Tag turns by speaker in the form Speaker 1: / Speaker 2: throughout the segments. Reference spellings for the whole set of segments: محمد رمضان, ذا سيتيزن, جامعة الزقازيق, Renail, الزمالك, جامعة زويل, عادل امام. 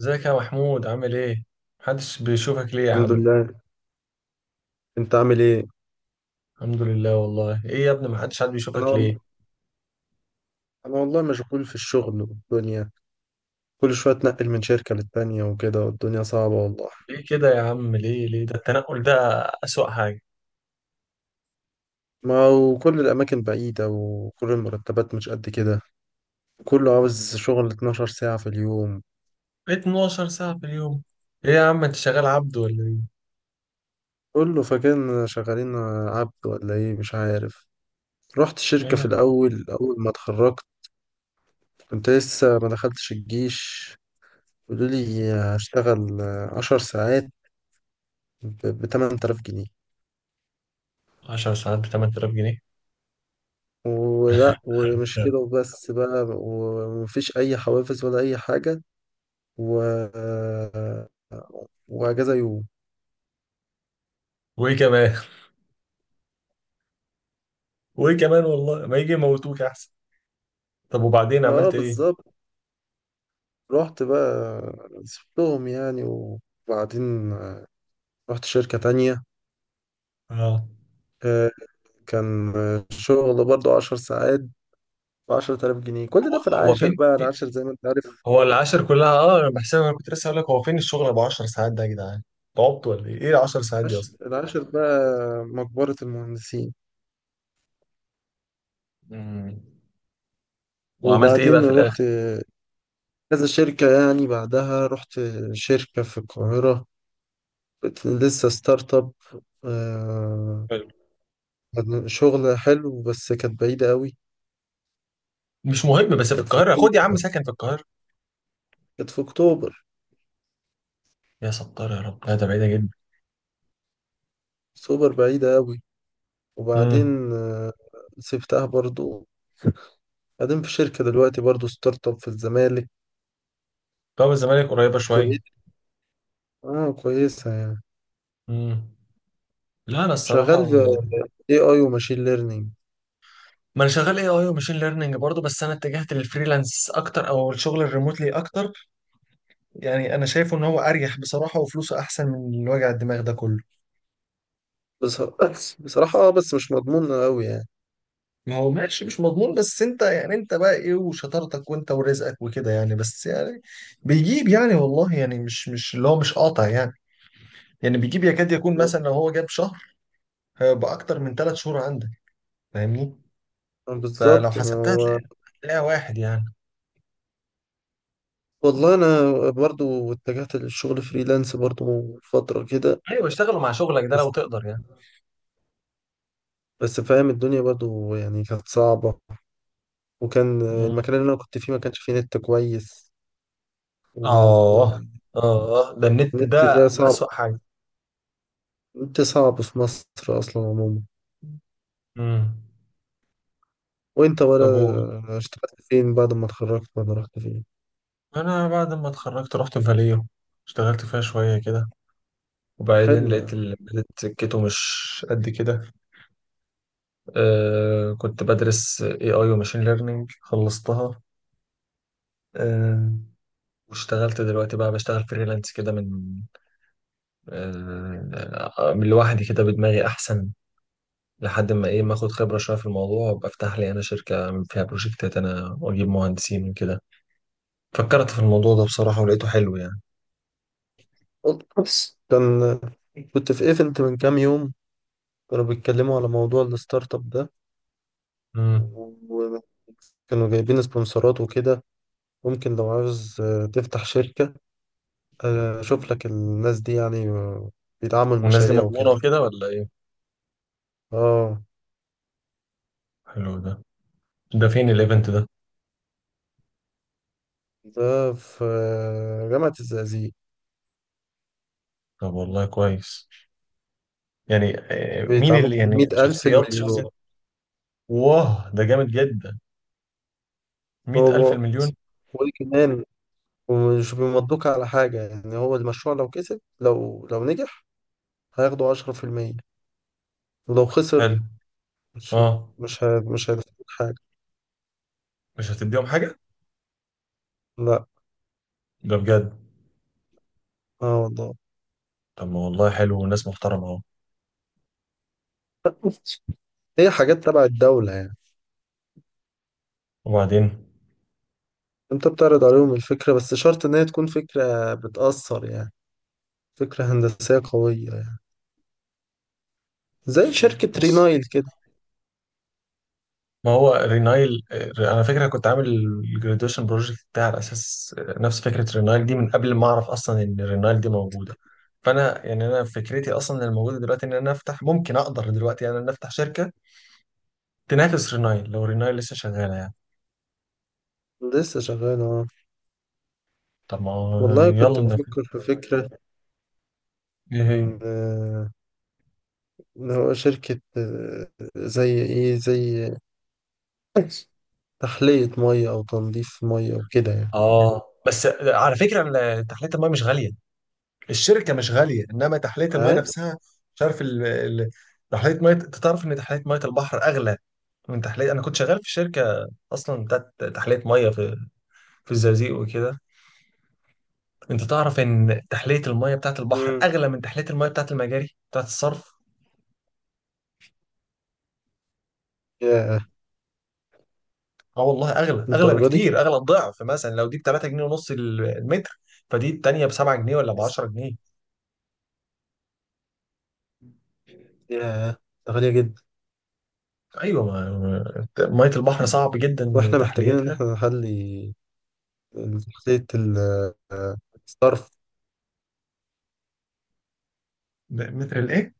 Speaker 1: ازيك يا محمود عامل ايه؟ محدش بيشوفك ليه يا
Speaker 2: الحمد
Speaker 1: عم؟
Speaker 2: لله. انت عامل ايه؟
Speaker 1: الحمد لله والله، ايه يا ابني محدش حد بيشوفك
Speaker 2: انا
Speaker 1: ليه؟
Speaker 2: والله انا والله مشغول في الشغل والدنيا. كل شويه اتنقل من شركه للتانيه وكده، والدنيا صعبه والله.
Speaker 1: ليه كده يا عم؟ ليه ده التنقل ده أسوأ حاجة.
Speaker 2: ما وكل الاماكن بعيده، وكل المرتبات مش قد كده. كله عاوز شغل 12 ساعه في اليوم.
Speaker 1: 12 ساعة في اليوم، ايه يا عم انت شغال عبد ولا ايه؟
Speaker 2: كله فاكرنا شغالين عبد ولا ايه، مش عارف. رحت
Speaker 1: ايه
Speaker 2: الشركه في
Speaker 1: يا عم
Speaker 2: الاول اول ما اتخرجت، كنت لسه ما دخلتش الجيش. قالوا لي هشتغل 10 ساعات ب 8000 جنيه،
Speaker 1: 10 ساعات ب 8000 جنيه؟
Speaker 2: ولا ومش كده وبس بقى، ومفيش أي حوافز ولا أي حاجة، و... وأجازة يوم.
Speaker 1: وايه كمان؟ وايه كمان والله؟ ما يجي يموتوك احسن. طب وبعدين
Speaker 2: اه
Speaker 1: عملت ايه؟
Speaker 2: بالظبط. رحت بقى سبتهم يعني، وبعدين رحت شركة تانية.
Speaker 1: اه
Speaker 2: آه، كان شغل برضو 10 ساعات ب 10000 جنيه، كل ده في
Speaker 1: هو
Speaker 2: العاشر
Speaker 1: فين؟
Speaker 2: بقى، العاشر زي ما انت عارف،
Speaker 1: هو العشر كلها، اه انا بحسبها، انا كنت لسه هقول لك هو فين الشغل ابو 10 ساعات ده يا جدعان؟ تعبت ولا ايه؟ ايه 10 ساعات دي
Speaker 2: العاشر
Speaker 1: اصلا؟
Speaker 2: العاشر بقى مقبرة المهندسين.
Speaker 1: مم. وعملت ايه بقى
Speaker 2: وبعدين
Speaker 1: في الاخر.
Speaker 2: رحت كذا شركة يعني، بعدها رحت شركة في القاهرة، كنت لسه ستارت اب. آه،
Speaker 1: حلو.
Speaker 2: يعني شغل حلو بس كانت بعيدة قوي.
Speaker 1: مش مهم، بس في
Speaker 2: كانت في
Speaker 1: القاهره،
Speaker 2: أكتوبر،
Speaker 1: خد يا عم سكن في القاهره.
Speaker 2: كانت في أكتوبر،
Speaker 1: يا ستار يا رب، لا ده بعيده جدا.
Speaker 2: أكتوبر بعيدة قوي.
Speaker 1: امم
Speaker 2: وبعدين سبتها برضو. قاعدين في شركة دلوقتي برضو ستارت اب في الزمالك.
Speaker 1: باب الزمالك قريبه شويه.
Speaker 2: كويس، اه كويسة يعني.
Speaker 1: امم لا انا الصراحه،
Speaker 2: شغال في اي اي وماشين ليرنينج.
Speaker 1: ما انا شغال اي اي وماشين ليرنينج برضه، بس انا اتجهت للفريلانس اكتر او الشغل الريموتلي اكتر. يعني انا شايفه ان هو اريح بصراحه، وفلوسه احسن من الوجع الدماغ ده كله.
Speaker 2: بس بصراحة بس مش مضمون قوي يعني.
Speaker 1: ما هو ماشي، مش مضمون، بس انت يعني انت بقى ايه وشطارتك، وانت ورزقك وكده، يعني بس يعني بيجيب، يعني والله يعني مش اللي هو مش قاطع يعني. يعني بيجيب، يكاد يكون
Speaker 2: آه،
Speaker 1: مثلا لو هو جاب شهر، هيبقى اكتر من ثلاث شهور عندك، فاهمني؟ فلو
Speaker 2: بالظبط ما
Speaker 1: حسبتها
Speaker 2: هو.
Speaker 1: هتلاقيها واحد يعني.
Speaker 2: والله انا برضو اتجهت للشغل فريلانس برضو فترة كده.
Speaker 1: ايوه، اشتغلوا مع شغلك ده لو تقدر يعني.
Speaker 2: بس فاهم الدنيا برضو يعني كانت صعبة، وكان
Speaker 1: مم.
Speaker 2: المكان اللي أنا كنت فيه ما كانش فيه نت كويس.
Speaker 1: اه،
Speaker 2: والنت
Speaker 1: اه ده النت ده
Speaker 2: ده صعب.
Speaker 1: اسوأ حاجه.
Speaker 2: النت صعب في مصر أصلا عموما.
Speaker 1: امم
Speaker 2: وأنت
Speaker 1: طب و-
Speaker 2: ولا اشتغلت فين بعد ما اتخرجت، ولا رحت فين؟
Speaker 1: انا بعد ما اتخرجت رحت فاليو، اشتغلت فيها شويه كده، وبعدين
Speaker 2: حلو
Speaker 1: لقيت
Speaker 2: يعني.
Speaker 1: لقيت سكته مش قد كده. آه كنت بدرس اي اي وماشين ليرنينج خلصتها. آه، واشتغلت دلوقتي، بقى بشتغل فريلانس كده من من لوحدي كده بدماغي احسن، لحد ما ايه ما اخد خبره شويه في الموضوع وابقى افتح لي انا شركه أعمل فيها بروجكتات انا، واجيب مهندسين وكده. فكرت في الموضوع ده بصراحه ولقيته حلو يعني.
Speaker 2: بس كنت في ايفنت من كام يوم، كانوا بيتكلموا على موضوع الستارت اب ده،
Speaker 1: امم،
Speaker 2: وكانوا جايبين سبونسرات وكده. ممكن لو عاوز تفتح شركة، أشوف لك الناس دي يعني، بيدعموا
Speaker 1: والناس دي
Speaker 2: المشاريع
Speaker 1: مضمونه
Speaker 2: وكده.
Speaker 1: وكده ولا ايه؟
Speaker 2: اه،
Speaker 1: حلو ده، ده فين الايفنت ده؟
Speaker 2: ده في جامعة الزقازيق.
Speaker 1: طب والله كويس. يعني مين
Speaker 2: بيدعموك
Speaker 1: اللي
Speaker 2: من
Speaker 1: يعني
Speaker 2: 100000
Speaker 1: شخصيات شخصيات؟
Speaker 2: المليون.
Speaker 1: واه ده جامد جدا، مئة ألف
Speaker 2: هو
Speaker 1: المليون!
Speaker 2: وكمان ومش بيمضوك على حاجة يعني. هو المشروع لو كسب، لو نجح، هياخدوا 10%. ولو خسر
Speaker 1: حلو.
Speaker 2: مش
Speaker 1: اه،
Speaker 2: مش هيدفعوك حاجة.
Speaker 1: مش هتديهم حاجة.
Speaker 2: لا.
Speaker 1: ده بجد؟
Speaker 2: اه والله.
Speaker 1: طب ما والله حلو وناس محترمة اهو.
Speaker 2: هي حاجات تبع الدولة يعني.
Speaker 1: وبعدين؟
Speaker 2: انت بتعرض عليهم الفكرة، بس شرط ان هي تكون فكرة بتأثر يعني، فكرة هندسية قوية، زي شركة
Speaker 1: بص،
Speaker 2: رينايل كده.
Speaker 1: ما هو رينايل، انا فاكر أنا كنت عامل الجراديويشن بروجكت بتاعي على اساس نفس فكره رينايل دي من قبل ما اعرف اصلا ان رينايل دي موجوده. فانا يعني انا فكرتي اصلا الموجوده دلوقتي ان انا افتح، ممكن اقدر دلوقتي يعني ان انا افتح شركه تنافس رينايل، لو رينايل لسه شغاله يعني.
Speaker 2: لسه شغال اه.
Speaker 1: طب ما هو
Speaker 2: والله كنت
Speaker 1: يلا ننافس.
Speaker 2: بفكر في فكرة،
Speaker 1: ايه
Speaker 2: إن
Speaker 1: هي؟
Speaker 2: آه، إن هو شركة، زي إيه، زي تحلية مية أو تنظيف مية وكده يعني.
Speaker 1: اه، بس على فكره تحليه الماء مش غاليه، الشركه مش غاليه، انما تحليه الماء
Speaker 2: اه.
Speaker 1: نفسها. مش عارف تحليه ميه، انت تعرف ان تحليه ميه البحر اغلى من تحلية. أنا كنت شغال في شركة أصلا بتاعت تحلية مية في في الزقازيق وكده. أنت تعرف إن تحلية المية بتاعت البحر
Speaker 2: مم.
Speaker 1: أغلى من تحلية المية بتاعت المجاري بتاعت الصرف.
Speaker 2: ياه،
Speaker 1: أه والله أغلى، أغلى
Speaker 2: للدرجة دي.
Speaker 1: بكتير، أغلى الضعف. مثلا لو دي ب 3 جنيه ونص المتر، فدي التانية ب 7 جنيه ولا ب 10 جنيه.
Speaker 2: ياه، ده غالية جدا.
Speaker 1: أيوة، مية البحر صعب جدا
Speaker 2: وإحنا محتاجين إن
Speaker 1: تحليتها.
Speaker 2: إحنا نحلي، تحلية آه، الصرف.
Speaker 1: متر الإيه؟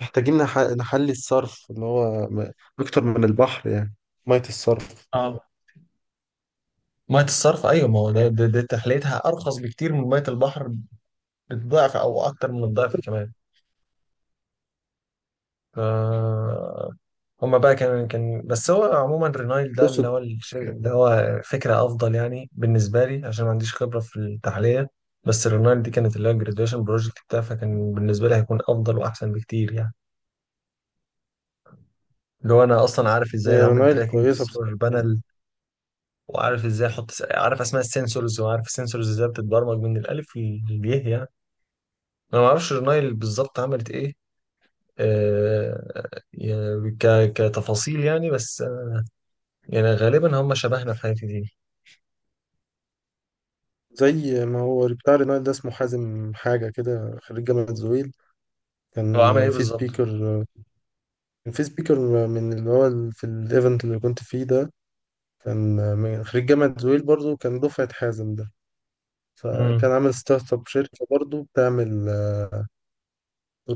Speaker 2: محتاجين نحلي الصرف اللي هو أكتر من البحر يعني، مية الصرف.
Speaker 1: أه، مية الصرف أيوة، ما هو ده, ده, ده تحليتها أرخص بكتير من مية البحر، بالضعف أو أكتر من الضعف كمان. ف هما بقى كان كان بس هو عموما رينايل ده اللي هو اللي هو فكرة أفضل يعني بالنسبة لي عشان ما عنديش خبرة في التحلية. بس رينايل دي كانت اللي هو الجراديويشن بروجكت بتاعي، فكان بالنسبة لي هيكون أفضل وأحسن بكتير يعني. اللي هو أنا أصلا عارف إزاي
Speaker 2: هي
Speaker 1: أعمل
Speaker 2: رونايل
Speaker 1: تراكنج
Speaker 2: كويسة
Speaker 1: للسولار
Speaker 2: بصراحة.
Speaker 1: بانل، وعارف إزاي عارف أسماء السنسورز، وعارف السنسورز إزاي بتتبرمج من الألف للياء يعني. أنا ما أعرفش رينايل بالظبط عملت إيه، يعني كتفاصيل يعني، بس يعني غالبا هم شبهنا في الحاجات دي.
Speaker 2: زي ما هو بتاع رونايل ده، اسمه حازم حاجة كده، خريج جامعة زويل.
Speaker 1: هو
Speaker 2: كان
Speaker 1: عمل ايه
Speaker 2: في
Speaker 1: بالظبط؟
Speaker 2: سبيكر كان في سبيكر من اللي هو في الايفنت اللي كنت فيه ده. كان من خريج جامعة زويل برضو، كان دفعة حازم ده. فكان
Speaker 1: امم،
Speaker 2: عامل ستارت اب شركة برضو بتعمل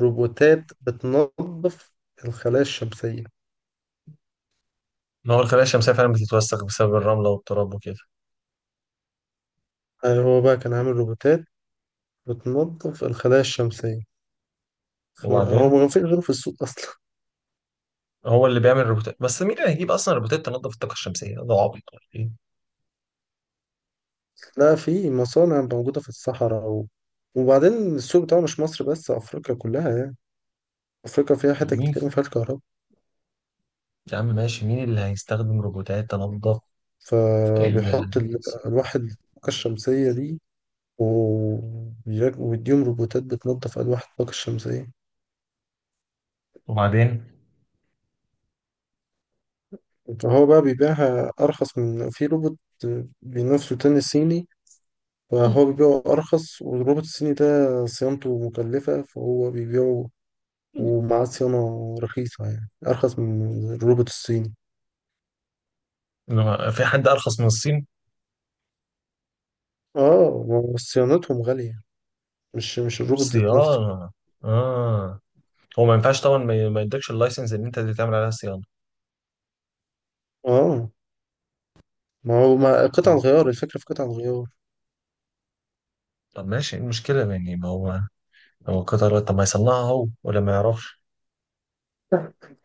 Speaker 2: روبوتات بتنظف الخلايا الشمسية.
Speaker 1: ما هو الخلايا الشمسية فعلا بتتوسخ بسبب الرملة والتراب وكده.
Speaker 2: يعني هو بقى كان عامل روبوتات بتنظف الخلايا الشمسية، فهو ما
Speaker 1: وبعدين؟
Speaker 2: فيش غيره في السوق أصلا.
Speaker 1: هو اللي بيعمل روبوتات؟ بس مين اللي هيجيب اصلا روبوتات تنظف الطاقة الشمسية؟ ده عبيط ولا ايه؟
Speaker 2: لا، في مصانع موجودة في الصحراء وبعدين السوق بتاعه مش مصر بس، أفريقيا كلها يعني. أفريقيا فيها حتت
Speaker 1: مين؟
Speaker 2: كتير ما فيهاش كهرباء،
Speaker 1: يا عم ماشي، مين اللي هيستخدم روبوتات تنظف ال...
Speaker 2: فبيحط ألواح الطاقة الشمسية دي، ويديهم روبوتات بتنظف ألواح الطاقة الشمسية.
Speaker 1: وبعدين؟
Speaker 2: فهو بقى بيبيعها أرخص من في روبوت بينافسه تاني صيني. فهو بيبيعه أرخص، والروبوت الصيني ده صيانته مكلفة، فهو بيبيعه ومعاه صيانة رخيصة يعني أرخص من الروبوت الصيني.
Speaker 1: في حد ارخص من الصين؟
Speaker 2: اه ما هو صيانتهم غالية، مش الروبوت ذات نفسه.
Speaker 1: صيانه، اه. هو ما ينفعش طبعا، ما يدكش اللايسنس ان انت اللي تعمل عليها صيانه.
Speaker 2: اه، ما هو ما قطع
Speaker 1: مم.
Speaker 2: الغيار، الفكرة في قطع الغيار.
Speaker 1: طب ماشي، ايه المشكله يعني، ما هو هو قطر، طب ما يصنعها هو ولا ما يعرفش؟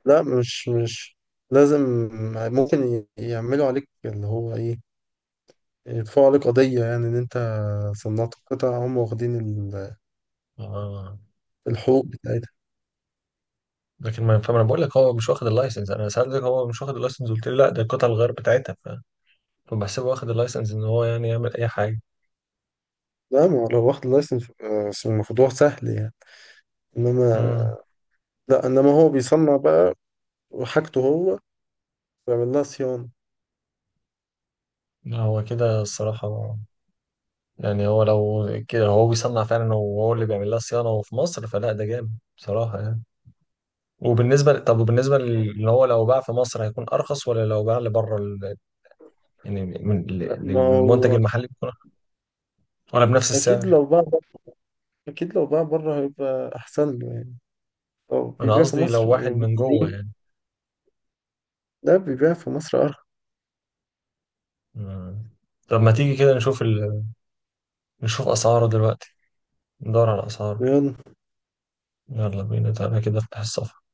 Speaker 2: لا مش لازم. ممكن يعملوا عليك اللي هو ايه، يدفعوا عليك قضية يعني، ان انت صنعت قطع هم واخدين
Speaker 1: آه.
Speaker 2: الحقوق بتاعتها.
Speaker 1: لكن ما فاهم، انا بقول لك هو مش واخد اللايسنس، انا سألتك هو مش واخد اللايسنس قلت لي لا ده القطع الغيار بتاعتها، فبحسبه واخد اللايسنس ان هو يعني يعمل اي حاجه.
Speaker 2: لا ما هو لو واخد لايسنس، الموضوع سهل يعني. انما
Speaker 1: امم.
Speaker 2: لا، انما هو بيصنع بقى، وحاجته هو بيعمل لها صيانة.
Speaker 1: لا، هو كده الصراحه، يعني هو لو كده، هو بيصنع فعلا وهو اللي بيعمل لها صيانه وفي مصر، فلا ده جامد بصراحه يعني. طب ان هو لو باع في مصر هيكون ارخص، ولا لو باع لبره ال... يعني من...
Speaker 2: لا، ما
Speaker 1: للمنتج
Speaker 2: هو
Speaker 1: المحلي بيكون أرخص؟ ولا بنفس
Speaker 2: اكيد
Speaker 1: السعر؟
Speaker 2: لو باع اكيد لو باع بره هيبقى احسن له يعني. اه
Speaker 1: انا
Speaker 2: بيبيع في
Speaker 1: قصدي لو
Speaker 2: مصر.
Speaker 1: واحد من
Speaker 2: ليه؟
Speaker 1: جوه.
Speaker 2: ده بيبيع في مصر أرخص.
Speaker 1: مم. طب ما تيجي كده نشوف ال... نشوف أسعاره دلوقتي، ندور على أسعاره.
Speaker 2: يلا.
Speaker 1: يلا بينا، تعالى كده افتح الصفحة.